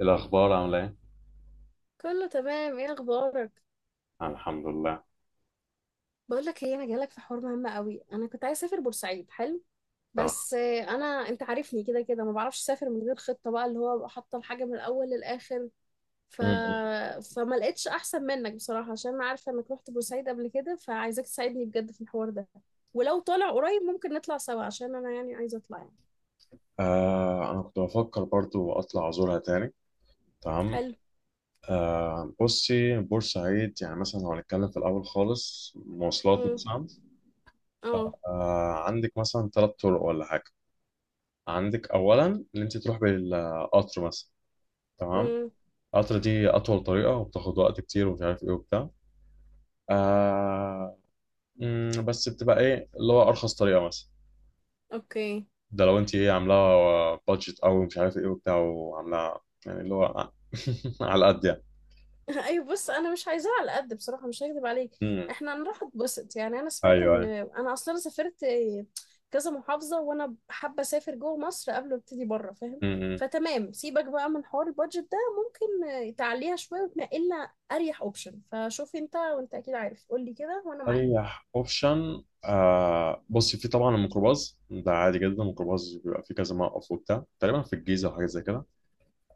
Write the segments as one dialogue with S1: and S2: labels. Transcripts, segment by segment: S1: الأخبار عاملة إيه؟
S2: كله تمام، ايه اخبارك؟
S1: أنا الحمد لله.
S2: بقول لك ايه، انا جايلك في حوار مهم قوي. انا كنت عايز اسافر بورسعيد. حلو.
S1: تمام.
S2: بس انت عارفني كده كده، ما بعرفش اسافر من غير خطه بقى، اللي هو ابقى حاطه الحاجه من الاول للاخر. ف...
S1: م- م.
S2: فما لقيتش احسن منك بصراحه، عشان انا عارفه انك رحت بورسعيد قبل كده، فعايزاك تساعدني بجد في الحوار ده. ولو طالع قريب ممكن نطلع سوا، عشان انا يعني عايزه اطلع يعني.
S1: آه، أنا كنت بفكر برضو أطلع أزورها تاني. تمام.
S2: حلو.
S1: آه بصي، بورسعيد يعني مثلا لو هنتكلم في الأول خالص مواصلات
S2: امم.
S1: مثلا.
S2: اه.
S1: آه، عندك مثلا ثلاث طرق ولا حاجة. عندك أولا إن أنت تروح بالقطر مثلا. تمام.
S2: امم.
S1: القطر دي أطول طريقة وبتاخد وقت كتير ومش عارف إيه وبتاع. آه. بس بتبقى إيه اللي هو أرخص طريقة مثلا؟
S2: اوكي.
S1: ده لو انت ايه عاملاها بادجت او مش عارف ايه وبتاع، وعاملاها يعني اللي هو على قد يعني.
S2: ايوه، بص انا مش عايزاها على قد بصراحه، مش هكذب عليك.
S1: امم.
S2: احنا هنروح اتبسط يعني. انا سمعت
S1: ايوه
S2: ان
S1: ايوه.
S2: انا اصلا سافرت كذا محافظه، وانا حابه اسافر جوه مصر قبل ما ابتدي بره، فاهم؟
S1: امم.
S2: فتمام، سيبك بقى من حوار البادجت ده، ممكن تعليها شويه وتنقلنا اريح اوبشن. فشوف انت، وانت اكيد عارف، قول لي كده وانا معاك.
S1: اريح اوبشن، آه بصي، في طبعا الميكروباص ده عادي جدا، الميكروباص بيبقى فيه كذا موقف وبتاع تقريبا في الجيزه وحاجات زي كده.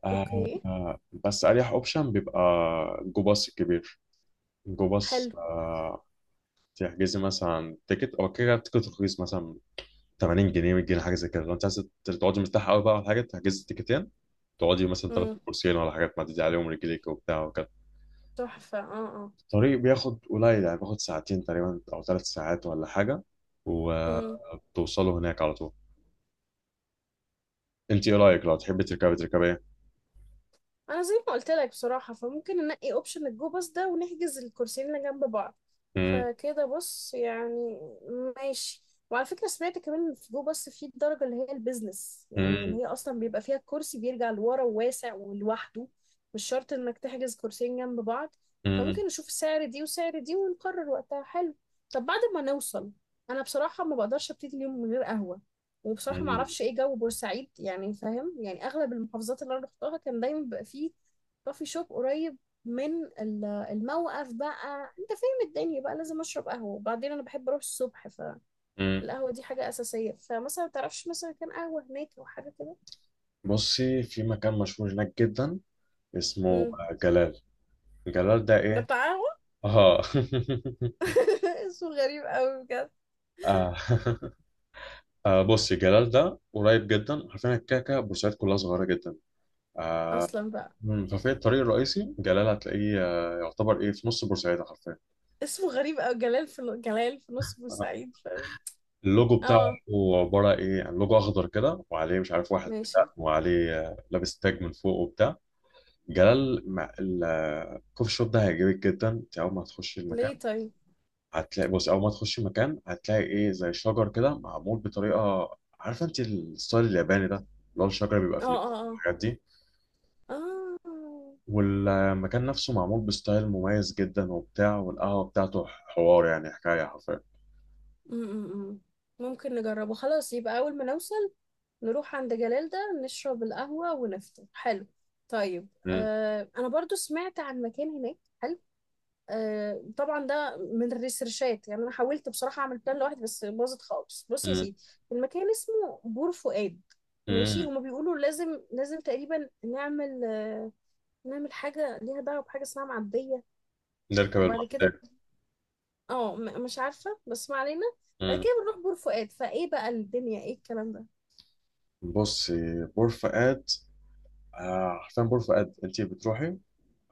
S1: آه.
S2: اوكي.
S1: آه، بس اريح اوبشن بيبقى جو باص الكبير. جو باص
S2: حلو.
S1: آه. تحجزي مثلا تيكت او كده، التيكت رخيص مثلا 80 جنيه 100 جنيه حاجه زي كده. لو انت عايز تقعدي مرتاحه قوي بقى على حاجه، تحجزي التيكتين تقعدي مثلا تاخدي
S2: امم.
S1: كورسين ولا حاجات معدي عليهم رجليك وبتاع وكده.
S2: تحفه. اه.
S1: الطريق بياخد قليل، يعني بياخد ساعتين تقريبا او ثلاث ساعات ولا حاجه،
S2: اه.
S1: وبتوصلوا هناك على طول. انت ايه رايك لو تحبي تركبي ايه.
S2: انا زي ما قلت لك بصراحه، فممكن ننقي اوبشن الجو باص ده ونحجز الكرسيين اللي جنب بعض.
S1: مم،
S2: فكده بص يعني. ماشي. وعلى فكره سمعت كمان إن في جو باص في الدرجه اللي هي البيزنس، يعني اللي
S1: مم،
S2: هي اصلا بيبقى فيها الكرسي بيرجع لورا وواسع ولوحده. مش شرط انك تحجز كرسيين جنب بعض.
S1: مم،
S2: فممكن نشوف السعر دي وسعر دي ونقرر وقتها. حلو. طب بعد ما نوصل، انا بصراحه ما بقدرش ابتدي اليوم من غير قهوه. وبصراحه ما
S1: مم،
S2: اعرفش ايه جو بورسعيد يعني، فاهم؟ يعني اغلب المحافظات اللي انا رحتها كان دايما بيبقى فيه كوفي شوب قريب من الموقف بقى، انت فاهم، الدنيا بقى لازم اشرب قهوه. وبعدين انا بحب اروح الصبح.
S1: مم.
S2: فالقهوه دي حاجه اساسيه، فمثلا ما تعرفش مثلا كان قهوه هناك او حاجه كده؟
S1: بصي، في مكان مشهور هناك جدا اسمه
S2: امم.
S1: جلال. جلال ده
S2: ده
S1: ايه؟
S2: بتاع قهوه.
S1: اه.
S2: اسمه غريب قوي بجد
S1: آه. آه بصي، جلال ده قريب جدا، عارفين الكعكة؟ بورسعيد كلها صغيرة جدا. آه.
S2: اصلا بقى.
S1: مم. ففي الطريق الرئيسي جلال هتلاقيه، يعتبر ايه في نص بورسعيدة حرفيا.
S2: اسمه غريب قوي. جلال في جلال في نص بورسعيد، فاهم؟
S1: اللوجو بتاعه
S2: اه.
S1: هو عبارة ايه، يعني لوجو اخضر كده وعليه مش عارف واحد بتاع
S2: ماشي.
S1: وعليه لابس تاج من فوق وبتاع. جلال مع الكوفي شوب ده هيعجبك جدا. انت اول ما هتخش
S2: ليه
S1: المكان
S2: طيب؟
S1: هتلاقي، بص اول ما تخش المكان هتلاقي ايه زي شجر كده معمول بطريقة. عارفة انت الستايل الياباني ده؟ اللي هو الشجر بيبقى
S2: اه.
S1: في
S2: اه.
S1: الحاجات دي.
S2: اه. اه.
S1: والمكان نفسه معمول بستايل مميز جدا وبتاع، والقهوة بتاعته حوار يعني حكاية حرفيا.
S2: م-م-م. ممكن نجربه، خلاص يبقى أول ما نوصل نروح عند جلال ده، نشرب القهوة ونفطر. حلو. طيب،
S1: مم.
S2: أنا برضو سمعت عن مكان هناك حلو. طبعا ده من الريسيرشات، يعني أنا حاولت بصراحة أعمل بلان لوحدي بس باظت خالص. بص يا
S1: مم.
S2: سيدي، المكان اسمه بور فؤاد. ماشي،
S1: مم.
S2: هما بيقولوا لازم لازم تقريبا نعمل نعمل حاجة ليها دعوة بحاجة اسمها معدية،
S1: نركب
S2: وبعد كده
S1: المحمودية.
S2: اه، مش عارفه، بس ما علينا. بعد
S1: مم.
S2: كده بنروح بور فؤاد، فايه بقى الدنيا؟ ايه الكلام ده؟
S1: بصي بور فؤاد، حرفيا بور فؤاد انت بتروحي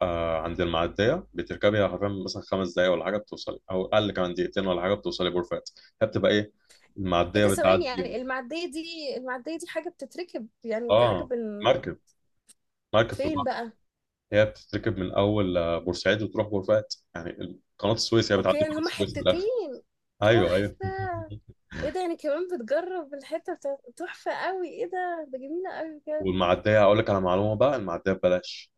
S1: عند المعدية، بتركبي حرفيا مثلا خمس دقايق ولا حاجة بتوصلي، أو أقل كمان دقيقتين ولا حاجة بتوصلي بور فؤاد. هي بتبقى إيه؟
S2: ايه
S1: المعدية
S2: ده؟ ثواني
S1: بتعدي.
S2: يعني؟ المعديه دي حاجه بتتركب يعني، حاجه
S1: آه، مركب، مركب في
S2: فين
S1: البحر.
S2: بقى؟
S1: هي بتتركب من أول بورسعيد وتروح بور فؤاد. يعني قناة السويس هي
S2: اوكي،
S1: بتعدي
S2: يعني
S1: قناة
S2: هما
S1: السويس في الآخر.
S2: حتتين.
S1: أيوه أيوه.
S2: تحفه. ايه ده يعني؟ كمان بتجرب الحته بتاعت؟ تحفه قوي. ايه ده جميله قوي بجد.
S1: والمعدية أقول لك على معلومة بقى، المعدية ببلاش.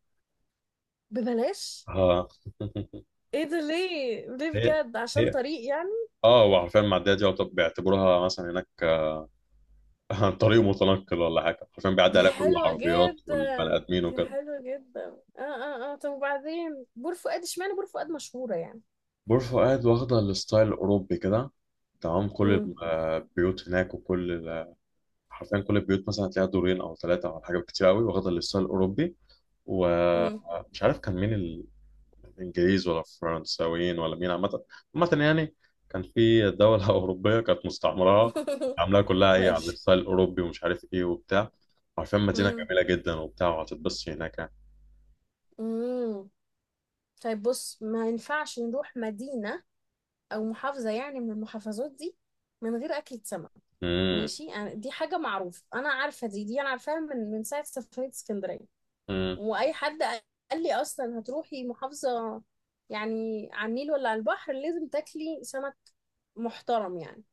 S2: ببلاش؟
S1: آه.
S2: ايه ده؟ ليه ليه
S1: هي
S2: بجد؟ عشان
S1: هي
S2: طريق يعني؟
S1: اه، هو حرفيا معديه دي بيعتبروها مثلا هناك، طريق متنقل ولا حاجه، حرفيا بيعدي
S2: دي
S1: عليها كل
S2: حلوه
S1: العربيات
S2: جدا،
S1: والبني ادمين
S2: دي
S1: وكده.
S2: حلوه جدا. اه. اه. اه. طب وبعدين بور فؤاد اشمعنى بور فؤاد مشهوره
S1: بور فؤاد واخده الستايل الاوروبي كده. تمام، كل
S2: يعني؟
S1: البيوت هناك وكل حرفيا كل البيوت مثلا هتلاقيها دورين او ثلاثه او حاجه كتير قوي واخده الستايل الاوروبي.
S2: مم.
S1: ومش عارف كان مين، انجليز ولا فرنساويين ولا مين، عامه. عامه يعني كان في دوله اوروبيه كانت مستعمره عاملاها كلها ايه على
S2: ماشي.
S1: الستايل الاوروبي ومش عارف ايه وبتاع. عارفين مدينه
S2: مم.
S1: جميله جدا وبتاع، وهتتبسط هناك يعني.
S2: مم. طيب بص، ما ينفعش نروح مدينة أو محافظة يعني من المحافظات دي من غير أكلة سمك.
S1: امم.
S2: ماشي، يعني دي حاجة معروفة، أنا عارفة دي، أنا عارفاها من ساعة سفرية اسكندرية.
S1: امم.
S2: وأي حد قال لي أصلا هتروحي محافظة يعني على النيل ولا على البحر لازم تاكلي سمك محترم يعني.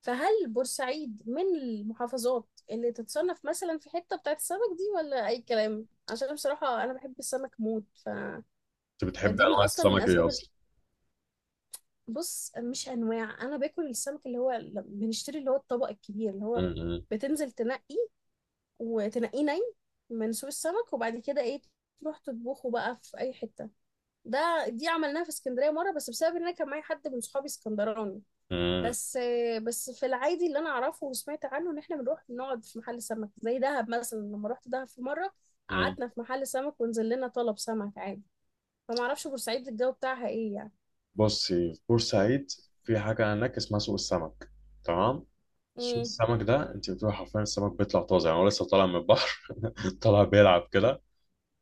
S2: فهل بورسعيد من المحافظات اللي تتصنف مثلا في حتة بتاعت السمك دي ولا أي كلام؟ عشان بصراحة أنا بحب السمك موت.
S1: انت بتحب
S2: فدي من
S1: انواع
S2: أصلا من
S1: السمك ايه
S2: أسباب
S1: اصلا؟
S2: بص، مش أنواع، أنا باكل السمك اللي هو بنشتري اللي هو الطبق الكبير اللي هو
S1: امم.
S2: بتنزل تنقي، وتنقيه من سوق السمك، وبعد كده إيه؟ تروح تطبخه بقى في أي حتة. دي عملناها في اسكندرية مرة، بس بسبب إن أنا كان معايا حد من صحابي اسكندراني.
S1: امم.
S2: بس بس في العادي اللي انا اعرفه وسمعت عنه ان احنا بنروح نقعد في محل سمك زي دهب مثلا. لما رحت دهب في مره،
S1: امم.
S2: قعدنا في محل سمك ونزل لنا طلب سمك عادي. فما اعرفش بورسعيد الجو بتاعها ايه يعني.
S1: بصي في بورسعيد، في حاجه هناك اسمها سوق السمك. تمام. سوق
S2: امم.
S1: السمك ده انت بتروح حرفيا السمك بيطلع طازه، يعني هو لسه طالع من البحر. طالع بيلعب كده.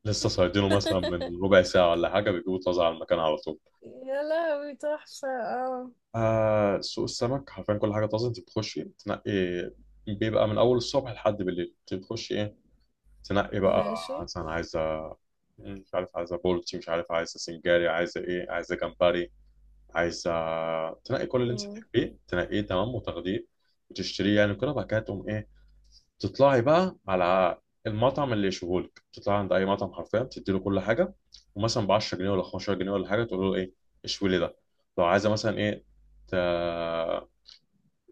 S1: لسه صيادينه مثلا من ربع ساعة ولا حاجة بيجيبوا طازة على المكان على طول.
S2: يا لهوي تحفه. اه.
S1: آه، سوق السمك حرفيا كل حاجة طازة. انت بتخشي تنقي، بيبقى من أول الصبح لحد بالليل. انت بتخشي ايه، تنقي بقى.
S2: ماشي.
S1: مثلا عايزة، مش عارف عايزة بولتي، مش عارف عايزة سنجاري، عايزة ايه، عايزة جمبري، عايزة تنقي كل اللي انت
S2: امم.
S1: تحبيه تنقيه. تمام، وتاخديه وتشتريه، يعني كده بعد كده تقوم ايه، تطلعي بقى على المطعم اللي يشوفولك. تطلعي عند اي مطعم حرفيا تديله كل حاجه، ومثلا ب 10 جنيه ولا 15 جنيه ولا حاجه تقول له ايه، اشوي لي ده. لو عايزه مثلا ايه، ت...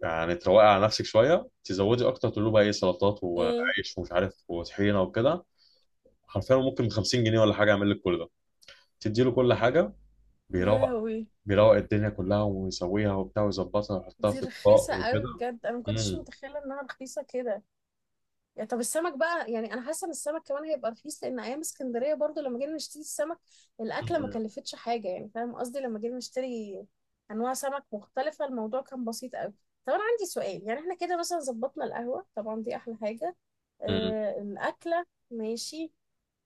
S1: يعني تروقي على نفسك شويه تزودي اكتر، تقول له بقى ايه سلطات
S2: امم.
S1: وعيش ومش عارف وطحينه وكده. حرفيا ممكن ب 50 جنيه ولا حاجه يعمل لك كل ده. تدي له كل حاجه،
S2: يا
S1: بيروق،
S2: لهوي.
S1: بيروق الدنيا كلها ويسويها وبتاع ويظبطها ويحطها
S2: دي
S1: في اطباق
S2: رخيصه
S1: وكده.
S2: قوي بجد. انا ما كنتش
S1: مم.
S2: متخيله انها رخيصه كده. يعني طب السمك بقى، يعني انا حاسه ان السمك كمان هيبقى رخيص. لان ايام اسكندريه برضو لما جينا نشتري السمك، الاكله ما
S1: مم.
S2: كلفتش حاجه، يعني فاهم قصدي؟ لما جينا نشتري انواع سمك مختلفه الموضوع كان بسيط قوي. طب انا عندي سؤال. يعني احنا كده مثلا ظبطنا القهوه طبعا دي احلى حاجه،
S1: مم.
S2: الاكله ماشي،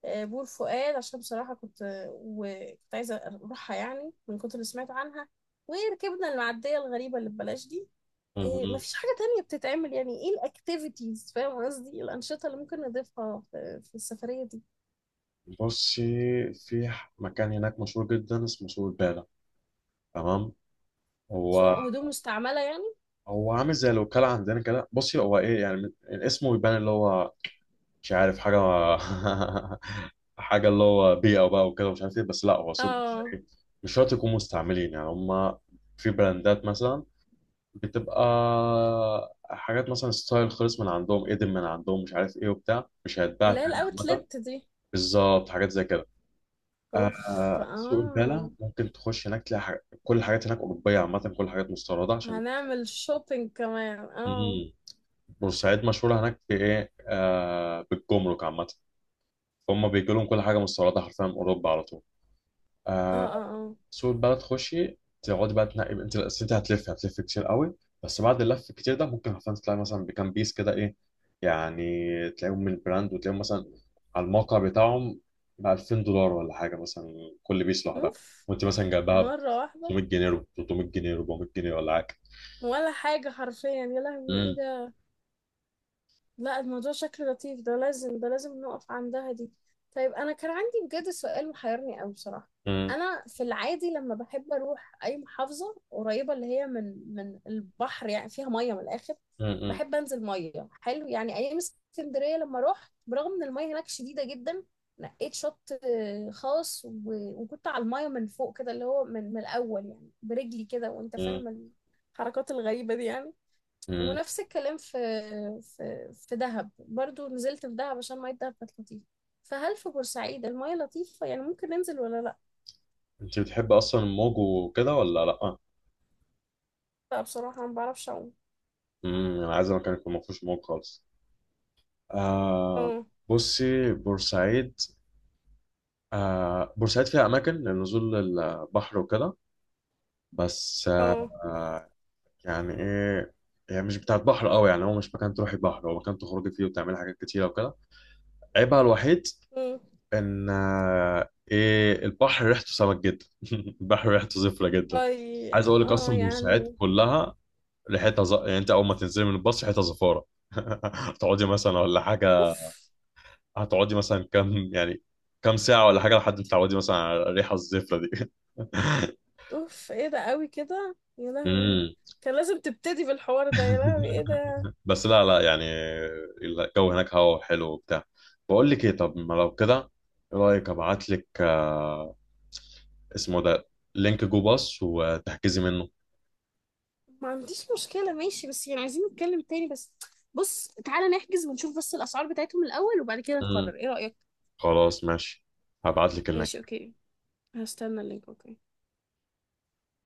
S2: بور فؤاد عشان بصراحه كنت وكنت عايزه اروحها، يعني من كتر اللي سمعت عنها. وركبنا المعديه الغريبه اللي ببلاش دي. إيه،
S1: مم.
S2: مفيش حاجة تانية بتتعمل؟ يعني ايه الاكتيفيتيز، فاهم قصدي؟ إيه الأنشطة اللي ممكن نضيفها في السفرية دي؟
S1: بصي، في مكان هناك مشهور جدا اسمه سوق البالة. تمام. هو
S2: سوق هدوم مستعملة يعني؟
S1: هو عامل زي الوكالة عندنا كده. بصي، هو ايه يعني، اسمه يبان اللي هو مش عارف حاجة، حاجة اللي هو بيئة بقى وكده مش عارف ايه، بس لا هو سوق
S2: اه.
S1: إيه، مش شرط يكونوا مستعملين. يعني هما في براندات مثلا بتبقى حاجات مثلا ستايل خالص من عندهم، ايدن من عندهم مش عارف ايه وبتاع مش هيتباع
S2: اللي هي
S1: تاني عامة.
S2: الاوتلت دي.
S1: بالظبط حاجات زي كده.
S2: اوف.
S1: آه، سوق البلا
S2: اه.
S1: ممكن تخش هناك تلاقي حاجة. كل الحاجات هناك أوروبية عامة، كل الحاجات مستوردة عشان.
S2: هنعمل شوبينج كمان. اه.
S1: مم. بورسعيد مشهورة هناك بإيه، آه بالجمرك عامة. فهم بيجي لهم كل حاجة مستوردة حرفيا من أوروبا على طول.
S2: اه.
S1: آه،
S2: اه. اه.
S1: سوق البلا تخشي تقعدي بقى تنقي. أنت أصل أنت هتلف، هتلف كتير قوي. بس بعد اللف الكتير ده ممكن حرفيا تلاقي مثلا بكام بيس كده إيه، يعني تلاقيهم من البراند، وتلاقيهم مثلا على الموقع بتاعهم ب 2000 دولار ولا حاجة مثلا كل بيس لوحدها،
S2: اوف.
S1: وأنت مثلا جايبها
S2: مرة واحدة.
S1: 500 جنيه 300 جنيه 400 جنيه ولا حاجه.
S2: ولا حاجة حرفيا، يا لهوي ايه
S1: امم.
S2: ده؟ لا الموضوع شكله لطيف. ده لازم، ده لازم نقف عندها دي. طيب انا كان عندي بجد سؤال محيرني قوي بصراحه.
S1: امم.
S2: انا في العادي لما بحب اروح اي محافظه قريبه اللي هي من البحر يعني فيها ميه من الاخر.
S1: امم.
S2: بحب انزل ميه، حلو يعني. ايام اسكندريه لما رحت، برغم ان الميه هناك شديده جدا، نقيت شط خاص، وكنت على الميه من فوق كده اللي هو من الاول يعني برجلي كده، وانت
S1: امم.
S2: فاهم الحركات الغريبه دي يعني.
S1: امم.
S2: ونفس الكلام في دهب برضو. نزلت في دهب عشان مية دهب كانت لطيفة. فهل في بورسعيد المية لطيفة يعني، ممكن ننزل ولا لا؟
S1: انت بتحب اصلا الموج وكده ولا لا؟
S2: لا، بصراحة ما بعرفش أعوم.
S1: امم. انا عايز مكان يكون ما فيهوش موج خالص. آه،
S2: اه.
S1: بصي بورسعيد، آه بورسعيد فيها اماكن لنزول البحر وكده، بس
S2: اه.
S1: آه يعني ايه، يعني مش بتاعت بحر قوي، يعني هو مش مكان تروحي بحر، هو مكان تخرجي فيه وتعملي حاجات كتيره وكده. عيبها الوحيد
S2: مم.
S1: ان آه، ايه البحر ريحته سمك جدا. البحر ريحته زفره جدا.
S2: اي.
S1: عايز اقول لك
S2: اه
S1: اصلا بورسعيد
S2: يعني.
S1: كلها ريحتها يعني انت اول ما تنزلي من الباص ريحتها زفاره. هتقعدي مثلا ولا حاجه،
S2: اوف
S1: هتقعدي مثلا كام يعني كام ساعه ولا حاجه لحد ما تتعودي مثلا على الريحه الزفره دي.
S2: اوف، ايه ده قوي كده يا لهوي.
S1: امم.
S2: كان لازم تبتدي بالحوار ده يا لهوي، ايه ده.
S1: بس لا لا يعني، الجو هناك هوا حلو وبتاع. بقول لك ايه، طب ما لو كده، ايه رايك ابعت لك اسمه ده لينك جو باص وتحجزي منه.
S2: ما عنديش مشكلة ماشي، بس يعني عايزين نتكلم تاني بس. بص تعالى نحجز ونشوف بس الأسعار بتاعتهم الأول، وبعد كده
S1: مم.
S2: نقرر. ايه رأيك؟
S1: خلاص ماشي، هبعت لك
S2: ماشي.
S1: اللينك.
S2: اوكي. هستنى اللينك. اوكي.